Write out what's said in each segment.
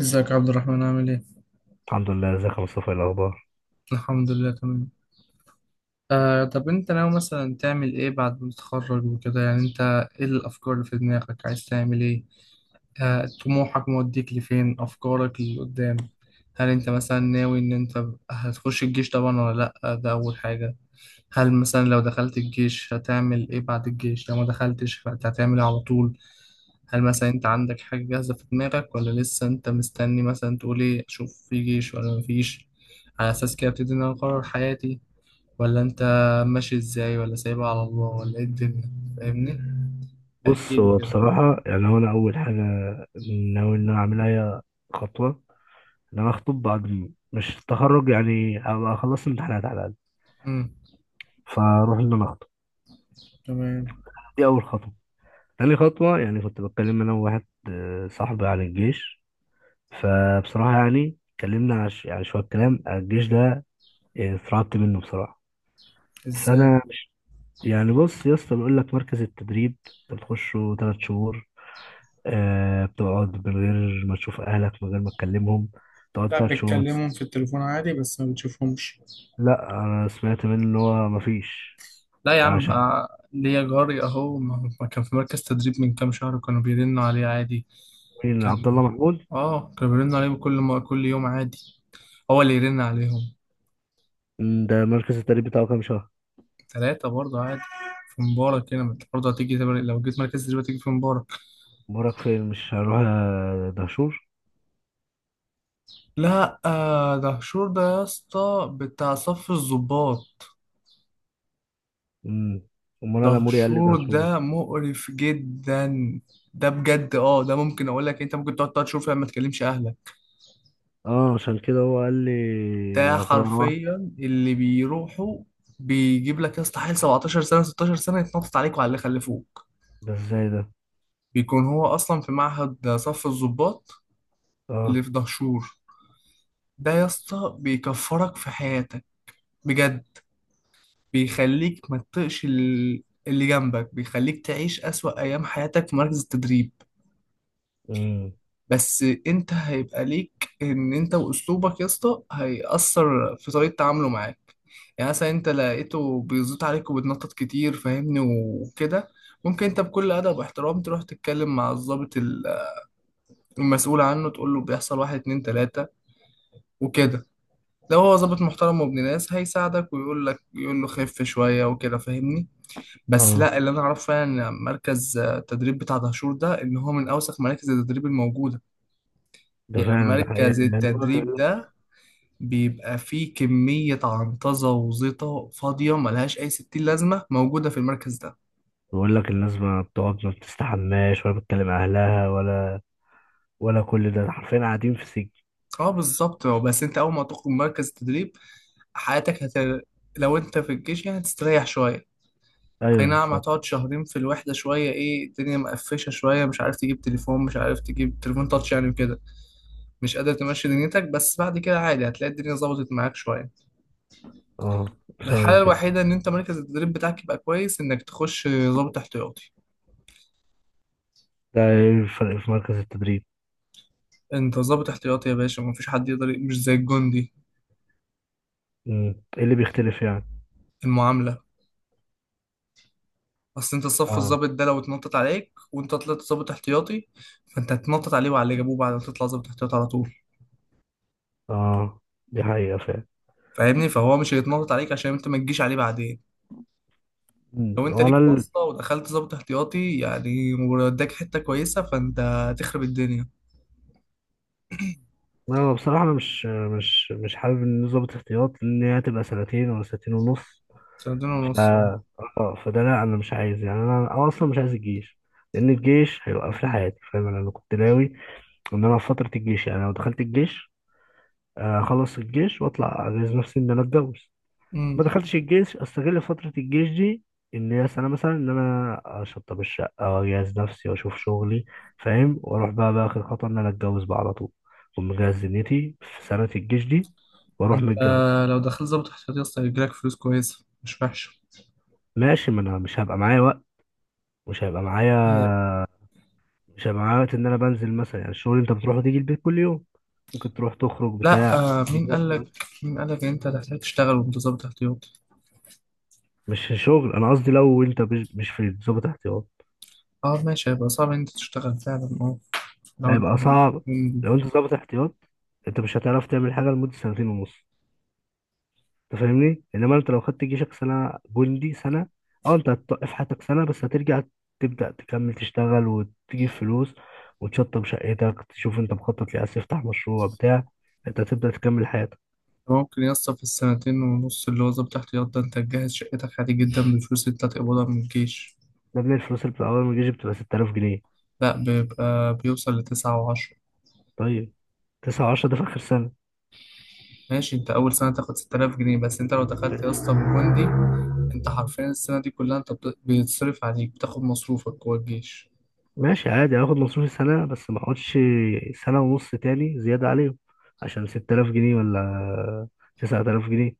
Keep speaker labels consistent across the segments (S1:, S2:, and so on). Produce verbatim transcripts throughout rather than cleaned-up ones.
S1: ازيك يا عبد الرحمن عامل ايه؟
S2: الحمد لله، ازيك يا مصطفى؟ ايه الاخبار؟
S1: الحمد لله تمام. آه، طب انت ناوي مثلا تعمل ايه بعد ما تتخرج وكده؟ يعني انت ايه الافكار اللي في دماغك عايز تعمل ايه؟ آه، طموحك موديك لفين؟ افكارك اللي قدام، هل انت مثلا ناوي ان انت هتخش الجيش طبعا ولا لا؟ ده اول حاجة. هل مثلا لو دخلت الجيش هتعمل ايه بعد الجيش؟ لو ما دخلتش فانت هتعمل ايه على طول؟ هل مثلا انت عندك حاجة جاهزة في دماغك ولا لسه انت مستني مثلا تقول ايه اشوف في جيش ولا مفيش على اساس كده ابتدي ان انا اقرر حياتي؟ ولا انت ماشي ازاي؟ ولا سايبها على الله؟ ولا ايه الدنيا؟ فاهمني؟ احكي
S2: بص،
S1: لي
S2: هو
S1: كده.
S2: بصراحه يعني هو انا اول حاجه ناوي ان انا اعملها، هي خطوه ان انا اخطب بعد م- مش التخرج، يعني ابقى خلصت امتحانات على الاقل.
S1: امم.
S2: فاروح ان انا اخطب.
S1: تمام.
S2: دي اول خطوه. تاني خطوه، يعني كنت بتكلم انا وواحد آه، صاحبي عن الجيش، فبصراحه يعني اتكلمنا على ش- يعني شويه كلام الجيش ده. آه، اترعبت منه بصراحه.
S1: ازاي؟
S2: فانا يعني، بص يا اسطى، بيقول لك مركز التدريب انت بتخشه ثلاث شهور، آه بتقعد من غير ما تشوف أهلك، من غير ما تكلمهم، تقعد
S1: لا،
S2: تلات شهور ما تس-
S1: بتكلمهم في التليفون عادي بس ما بتشوفهمش.
S2: لا، أنا سمعت منه إن هو مفيش.
S1: لا يا
S2: ده
S1: عم،
S2: عشان.
S1: آه، ليا جاري اهو ما ما كان في مركز تدريب من كام شهر كانوا بيرنوا عليه عادي.
S2: مين؟
S1: كان
S2: عبد الله محمود.
S1: اه كانوا بيرنوا عليه كل ما كل يوم عادي. هو اللي يرن عليهم.
S2: مم، ده مركز التدريب بتاعه كام شهر؟
S1: ثلاثة برضه عادي. في مبارك هنا، ما انت برضه هتيجي تبقى- لو جيت مركز تدريب هتيجي في مبارك.
S2: أمورك فين؟ مش هروح آه، دهشور.
S1: لا، آه دهشور ده يا اسطى بتاع صف الضباط.
S2: مم. أمال أنا موري قال لي
S1: دهشور
S2: دهشور.
S1: ده مقرف جدا. ده بجد. اه ده ممكن اقول لك إيه، انت ممكن تقعد تلات شهور فيها ما تكلمش اهلك.
S2: اه، عشان كده هو قال
S1: ده
S2: لي أخويا روح.
S1: حرفيا اللي بيروحوا، بيجيب لك يا اسطى حيل سبعتاشر سنة ستاشر سنة يتنطط عليكوا على اللي خلفوك.
S2: ده ازاي ده؟
S1: بيكون هو اصلا في معهد صف الضباط اللي
S2: اه.
S1: في دهشور. ده يا اسطى بيكفرك في حياتك، بجد. بيخليك ما تطقش ال- اللي جنبك، بيخليك تعيش أسوأ أيام حياتك في مركز التدريب.
S2: مم.
S1: بس انت هيبقى ليك، ان انت واسلوبك يا اسطى هيأثر في طريقة تعامله معاك. يعني مثلا انت لقيته بيزيط عليك وبتنطط كتير، فاهمني وكده، ممكن انت بكل ادب واحترام تروح تتكلم مع الضابط ال- المسؤول عنه، تقول له بيحصل واحد اتنين تلاتة وكده. لو هو ضابط محترم وابن ناس هيساعدك، ويقول لك يقول له خف شوية وكده، فاهمني؟ بس
S2: اه،
S1: لا، اللي انا اعرفه يعني إن مركز آه، التدريب بتاع دهشور ده ان هو من اوسخ مراكز التدريب الموجوده.
S2: ده
S1: يعني
S2: فعلا، ده حقيقة.
S1: مركز
S2: يعني هو
S1: التدريب
S2: بيقول،
S1: ده بيبقى فيه كميه عنطزه وزيطه فاضيه ملهاش اي ستين لازمه موجوده في المركز ده.
S2: بيقول لك الناس ما بتقعد، ما بتستحماش، ولا بتكلم أهلها، ولا، ولا كل ده حرفيا قاعدين في سجن.
S1: اه، بالظبط. هو بس انت اول ما تخرج من مركز التدريب حياتك هت. لو انت في الجيش يعني هتستريح شويه.
S2: ايوه
S1: اي نعم،
S2: بالظبط.
S1: هتقعد شهرين في الوحدة شوية، ايه الدنيا مقفشة شوية، مش عارف تجيب تليفون مش عارف تجيب تليفون تاتش يعني وكده. مش قادر تمشي دنيتك، بس بعد كده عادي هتلاقي الدنيا ظبطت معاك شوية.
S2: اه، فاهم
S1: الحالة
S2: كده.
S1: الوحيدة ان انت مركز التدريب بتاعك يبقى كويس انك تخش ضابط احتياطي.
S2: ده ايه الفرق في مركز التدريب؟
S1: انت ضابط احتياطي يا باشا، مفيش حد يقدر، مش زي الجندي.
S2: مم. ايه اللي بيختلف يعني؟
S1: المعاملة. اصل انت صف
S2: اه.
S1: الضابط ده لو اتنطط عليك، وانت طلعت ضابط احتياطي، فانت هتنطط عليه وعلى اللي جابوه بعد ما تطلع ضابط احتياطي على طول،
S2: اه، دي حقيقة فعلا.
S1: فاهمني؟ فهو مش هيتنطط عليك عشان انت ما تجيش عليه بعدين.
S2: مم.
S1: لو انت
S2: وانا
S1: ليك
S2: ال...
S1: واسطة ودخلت ضابط احتياطي يعني واداك حتة كويسة، فانت هتخرب الدنيا.
S2: انا بصراحة، انا مش مش مش حابب ان ظابط احتياط، لان هي هتبقى سنتين ولا سنتين ونص.
S1: هتخرب الدنيا
S2: ف
S1: ونص اه.
S2: اه فده لا، انا مش عايز، يعني انا أنا اصلا مش عايز الجيش، لان الجيش هيوقف لي حياتي، فاهم. انا أنا كنت ناوي ان انا في فترة الجيش، يعني لو دخلت الجيش آه، اخلص الجيش واطلع، اجهز نفسي ان انا اتجوز.
S1: امم.
S2: ما دخلتش الجيش، استغل فترة الجيش دي، ان هي سنة مثلا، ان انا اشطب الشقة واجهز نفسي واشوف شغلي، فاهم، واروح بقى، بقى اخر خطوة ان انا اتجوز بقى على طول. اكون مجهز دنيتي في سنة الجيش دي، واروح
S1: انت
S2: متجوز.
S1: لو دخلت ضابط احتياطي اصلا هيجيلك فلوس كويسة مش وحشة.
S2: ماشي، ما انا مش هبقى معايا وقت، مش هيبقى معايا،
S1: اه،
S2: مش هيبقى معايا وقت ان انا بنزل مثلا، يعني الشغل انت بتروح وتيجي البيت كل يوم، ممكن تروح تخرج
S1: لا.
S2: بتاع.
S1: اه، مين قال لك مين قال لك ان انت هتحتاج تشتغل وانت ضابط احتياطي؟
S2: مش شغل، انا قصدي لو انت مش مش في ضابط احتياط،
S1: اه ماشي، هيبقى صعب ان انت تشتغل فعلا، اه. لو انت
S2: هيبقى
S1: م-
S2: صعب.
S1: م-
S2: لو انت ضابط احتياط، انت مش هتعرف تعمل حاجة لمدة سنتين ونص. انت فاهمني، انما انت لو خدت جيشك سنه، جندي سنه، اه، انت هتوقف حياتك سنه بس، هترجع تبدا تكمل تشتغل وتجيب فلوس، وتشطب شقتك، تشوف انت مخطط ليه، عايز تفتح مشروع بتاع، انت هتبدا تكمل حياتك.
S1: ممكن يسطا في السنتين ونص اللي هو ضابط احتياط ده انت تجهز شقتك عادي جدا بفلوس انت تقبضها من الجيش.
S2: ده من الفلوس اللي بتبقى، اول ما الجيش بتبقى ستة آلاف جنيه.
S1: لا، بيبقى بيوصل لتسعة وعشرة.
S2: طيب، تسعة و10 ده في اخر سنه.
S1: ماشي، انت اول سنه تاخد ست تلاف جنيه بس، انت لو دخلت يا
S2: ماشي.
S1: اسطى بجوندي انت حرفيا السنه دي كلها انت بت- بيتصرف عليك بتاخد مصروفك جوه الجيش.
S2: ماشي عادي، هاخد مصروفي سنه بس، ما اقعدش سنه ونص تاني زياده عليهم عشان ستة آلاف جنيه ولا تسعة آلاف جنيه؟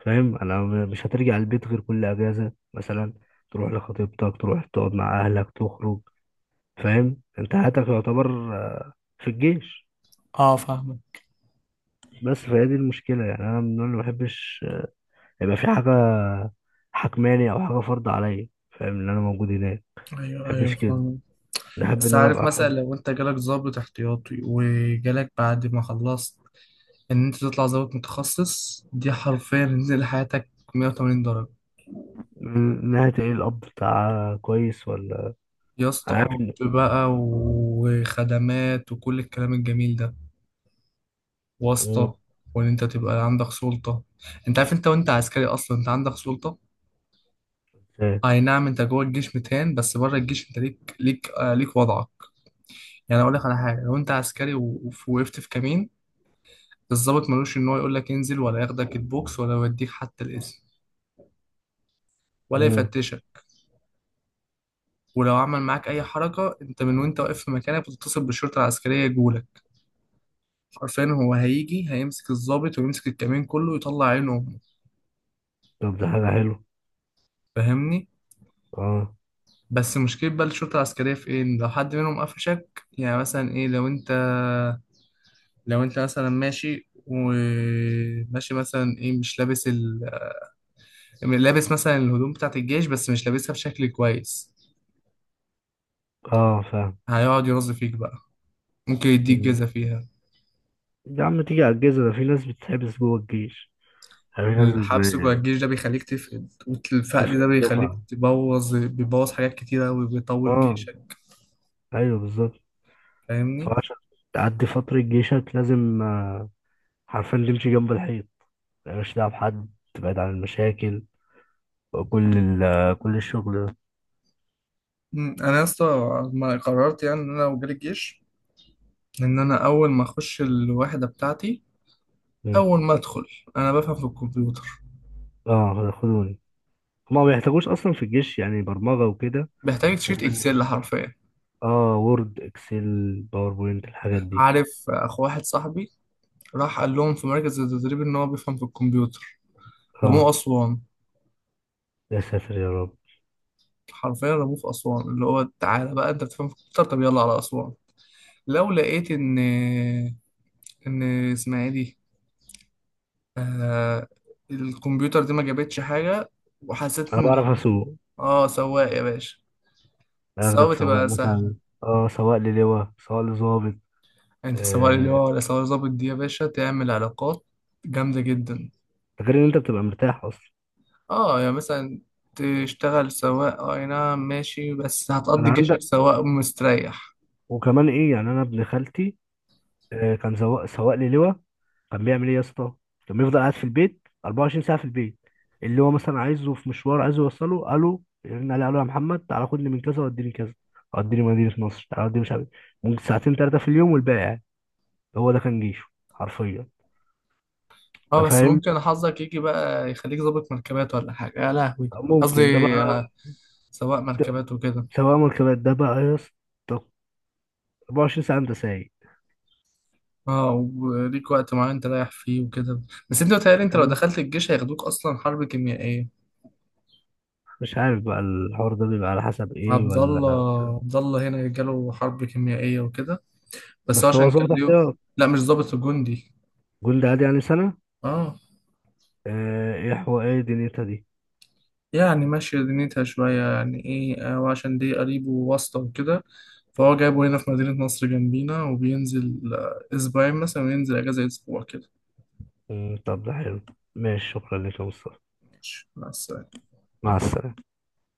S2: فاهم، انا م- مش هترجع البيت غير كل اجازه مثلا، تروح لخطيبتك، تروح تقعد مع اهلك، تخرج. فاهم، انت حياتك يعتبر آه، في الجيش.
S1: اه، فاهمك.
S2: بس فهي دي المشكله، يعني انا من النوع اللي ما بحبش آه، يبقى في حاجه حكماني، او حاجه فرض عليا، فاهم ان انا موجود هناك، ما
S1: ايوه
S2: بحبش
S1: ايوه،
S2: كده،
S1: فاهم.
S2: بحب
S1: بس
S2: ان انا
S1: عارف
S2: ابقى
S1: مثلا
S2: حر.
S1: لو انت جالك ضابط احتياطي، وجالك بعد ما خلصت ان انت تطلع ضابط متخصص، دي حرفيا نزل حياتك مئة وثمانين درجة.
S2: م- ناحيه ايه؟ الاب بتاع كويس ولا؟
S1: يا اسطى
S2: أنا عارف
S1: اب
S2: ان...
S1: بقى وخدمات وكل الكلام الجميل ده،
S2: مم،
S1: واسطة، وان انت تبقى عندك سلطة. انت عارف انت وانت عسكري اصلا انت عندك سلطة.
S2: فاهم.
S1: اي نعم، انت جوه الجيش ميتين بس بره الجيش انت ليك ليك آه ليك وضعك. يعني اقول لك على حاجه، لو انت عسكري و- ووقفت في كمين، الضابط ملوش ان هو يقول لك انزل، ولا ياخدك البوكس، ولا يوديك حتى القسم، ولا
S2: مم.
S1: يفتشك. ولو عمل معاك اي حركه، انت من وانت واقف في مكانك بتتصل بالشرطه العسكريه يجولك عارفين، هو هيجي هيمسك الضابط ويمسك الكمين كله ويطلع عينه امه،
S2: طب ده حاجه حلوه.
S1: فاهمني؟
S2: اه.
S1: بس مشكله بقى الشرطه العسكريه في ايه، إن لو حد منهم قفشك، يعني مثلا ايه، لو انت لو انت مثلا ماشي وماشي مثلا ايه مش لابس ال، لابس مثلا الهدوم بتاعت الجيش بس مش لابسها بشكل كويس،
S2: اه،
S1: هيقعد يرز فيك بقى، ممكن يديك
S2: فاهم.
S1: جزا فيها.
S2: يا عم، تيجي على الجيزة ده في ناس بتتحبس جوه الجيش، يعني في ناس
S1: الحبس جوه
S2: بت-
S1: الجيش ده بيخليك تفقد، والفقد
S2: تفرق
S1: ده بيخليك
S2: الدفعة.
S1: تبوظ بيبوظ حاجات كتيرة وبيطول
S2: اه،
S1: جيشك،
S2: ايوه بالظبط.
S1: فاهمني؟
S2: فعشان تعدي فترة جيشك لازم آه، حرفيا تمشي جنب الحيط، مالكش دعوة بحد، تبعد عن المشاكل، وكل ال آه، كل الشغل ده.
S1: مم، انا يا اسطى ما قررت يعني ان انا لو جالي الجيش، ان انا اول ما اخش الوحدة بتاعتي،
S2: مم.
S1: اول ما ادخل انا بفهم في الكمبيوتر.
S2: اه، خدوني، هما ما بيحتاجوش اصلا في الجيش يعني برمجة وكده،
S1: بيحتاج شيت
S2: هما بي-
S1: اكسل حرفيا.
S2: اه، وورد، اكسل، باوربوينت، الحاجات دي.
S1: عارف اخو واحد صاحبي راح قال لهم في مركز التدريب ان هو بيفهم في الكمبيوتر، رموه
S2: اه،
S1: اسوان.
S2: يا ساتر يا رب.
S1: حرفيا رموه في اسوان اللي هو تعالى بقى انت بتفهم في الكمبيوتر، طب يلا على اسوان. لو لقيت ان ان اسمها ايه دي، آه الكمبيوتر دي ما جابتش حاجه، وحسيت
S2: انا
S1: ان،
S2: بعرف اسوق،
S1: اه سواق يا باشا.
S2: اخدك
S1: السواقه
S2: سواق
S1: بتبقى سهله.
S2: مثلا. اه، سواق للواء، سواق لظابط.
S1: انت سواق اللي
S2: آه،
S1: هو ولا سواق ظابط، دي يا باشا تعمل علاقات جامده جدا.
S2: غير ان انت بتبقى مرتاح اصلا.
S1: اه يعني مثلا تشتغل سواق آه، اي نعم ماشي، بس
S2: انا
S1: هتقضي
S2: عندك،
S1: جيشك سواق مستريح.
S2: وكمان ايه، يعني انا ابن خالتي آه، كان سواق، سواق لي لواء. كان بيعمل ايه يا اسطى؟ كان بيفضل قاعد في البيت اربعة وعشرين ساعة ساعه في البيت، اللي هو مثلا عايزه في مشوار، عايزه يوصله، قالوا يرن عليه، قالوا يا محمد تعالى خدني من كذا وديني كذا، وديني مدينه نصر، تعالى وديني مش عارف إيه. ممكن ساعتين ثلاثه في اليوم، والباقي قاعد. هو ده كان جيشه حرفيا.
S1: اه،
S2: انت
S1: بس
S2: فاهم،
S1: ممكن حظك يجي بقى يخليك ظابط مركبات ولا حاجة يا لهوي. قصدي
S2: ممكن ده بقى،
S1: آه، سواق مركبات وكده.
S2: سواق مركبات ده بقى يا اسطى، اربعة وعشرين ساعة ساعه انت سايق.
S1: اه، وليك وقت معين تريح فيه وكده. بس انت متهيألي انت لو
S2: فكان
S1: دخلت الجيش هياخدوك اصلا حرب كيميائية.
S2: مش عارف بقى الحوار ده بيبقى على حسب ايه
S1: عبد
S2: ولا؟
S1: الله عبد الله هنا جاله حرب كيميائية وكده. بس هو
S2: بس هو
S1: عشان كان
S2: ظابط
S1: ليه.
S2: احتياط،
S1: لا مش ظابط وجندي
S2: جولد عادي يعني سنة.
S1: اه.
S2: آه، ايه حو ايه دنيتها دي؟
S1: يعني ماشية دنيتها شوية، يعني إيه، آه، وعشان دي قريبه واسطة وكده. فهو جايبه هنا في مدينة نصر جنبينا، وبينزل آه، أسبوعين مثلا، وينزل أجازة أسبوع كده.
S2: مم، طب ده حلو. ماشي، شكرا لك يا مصطفى،
S1: ماشي بس.
S2: مع السلامة.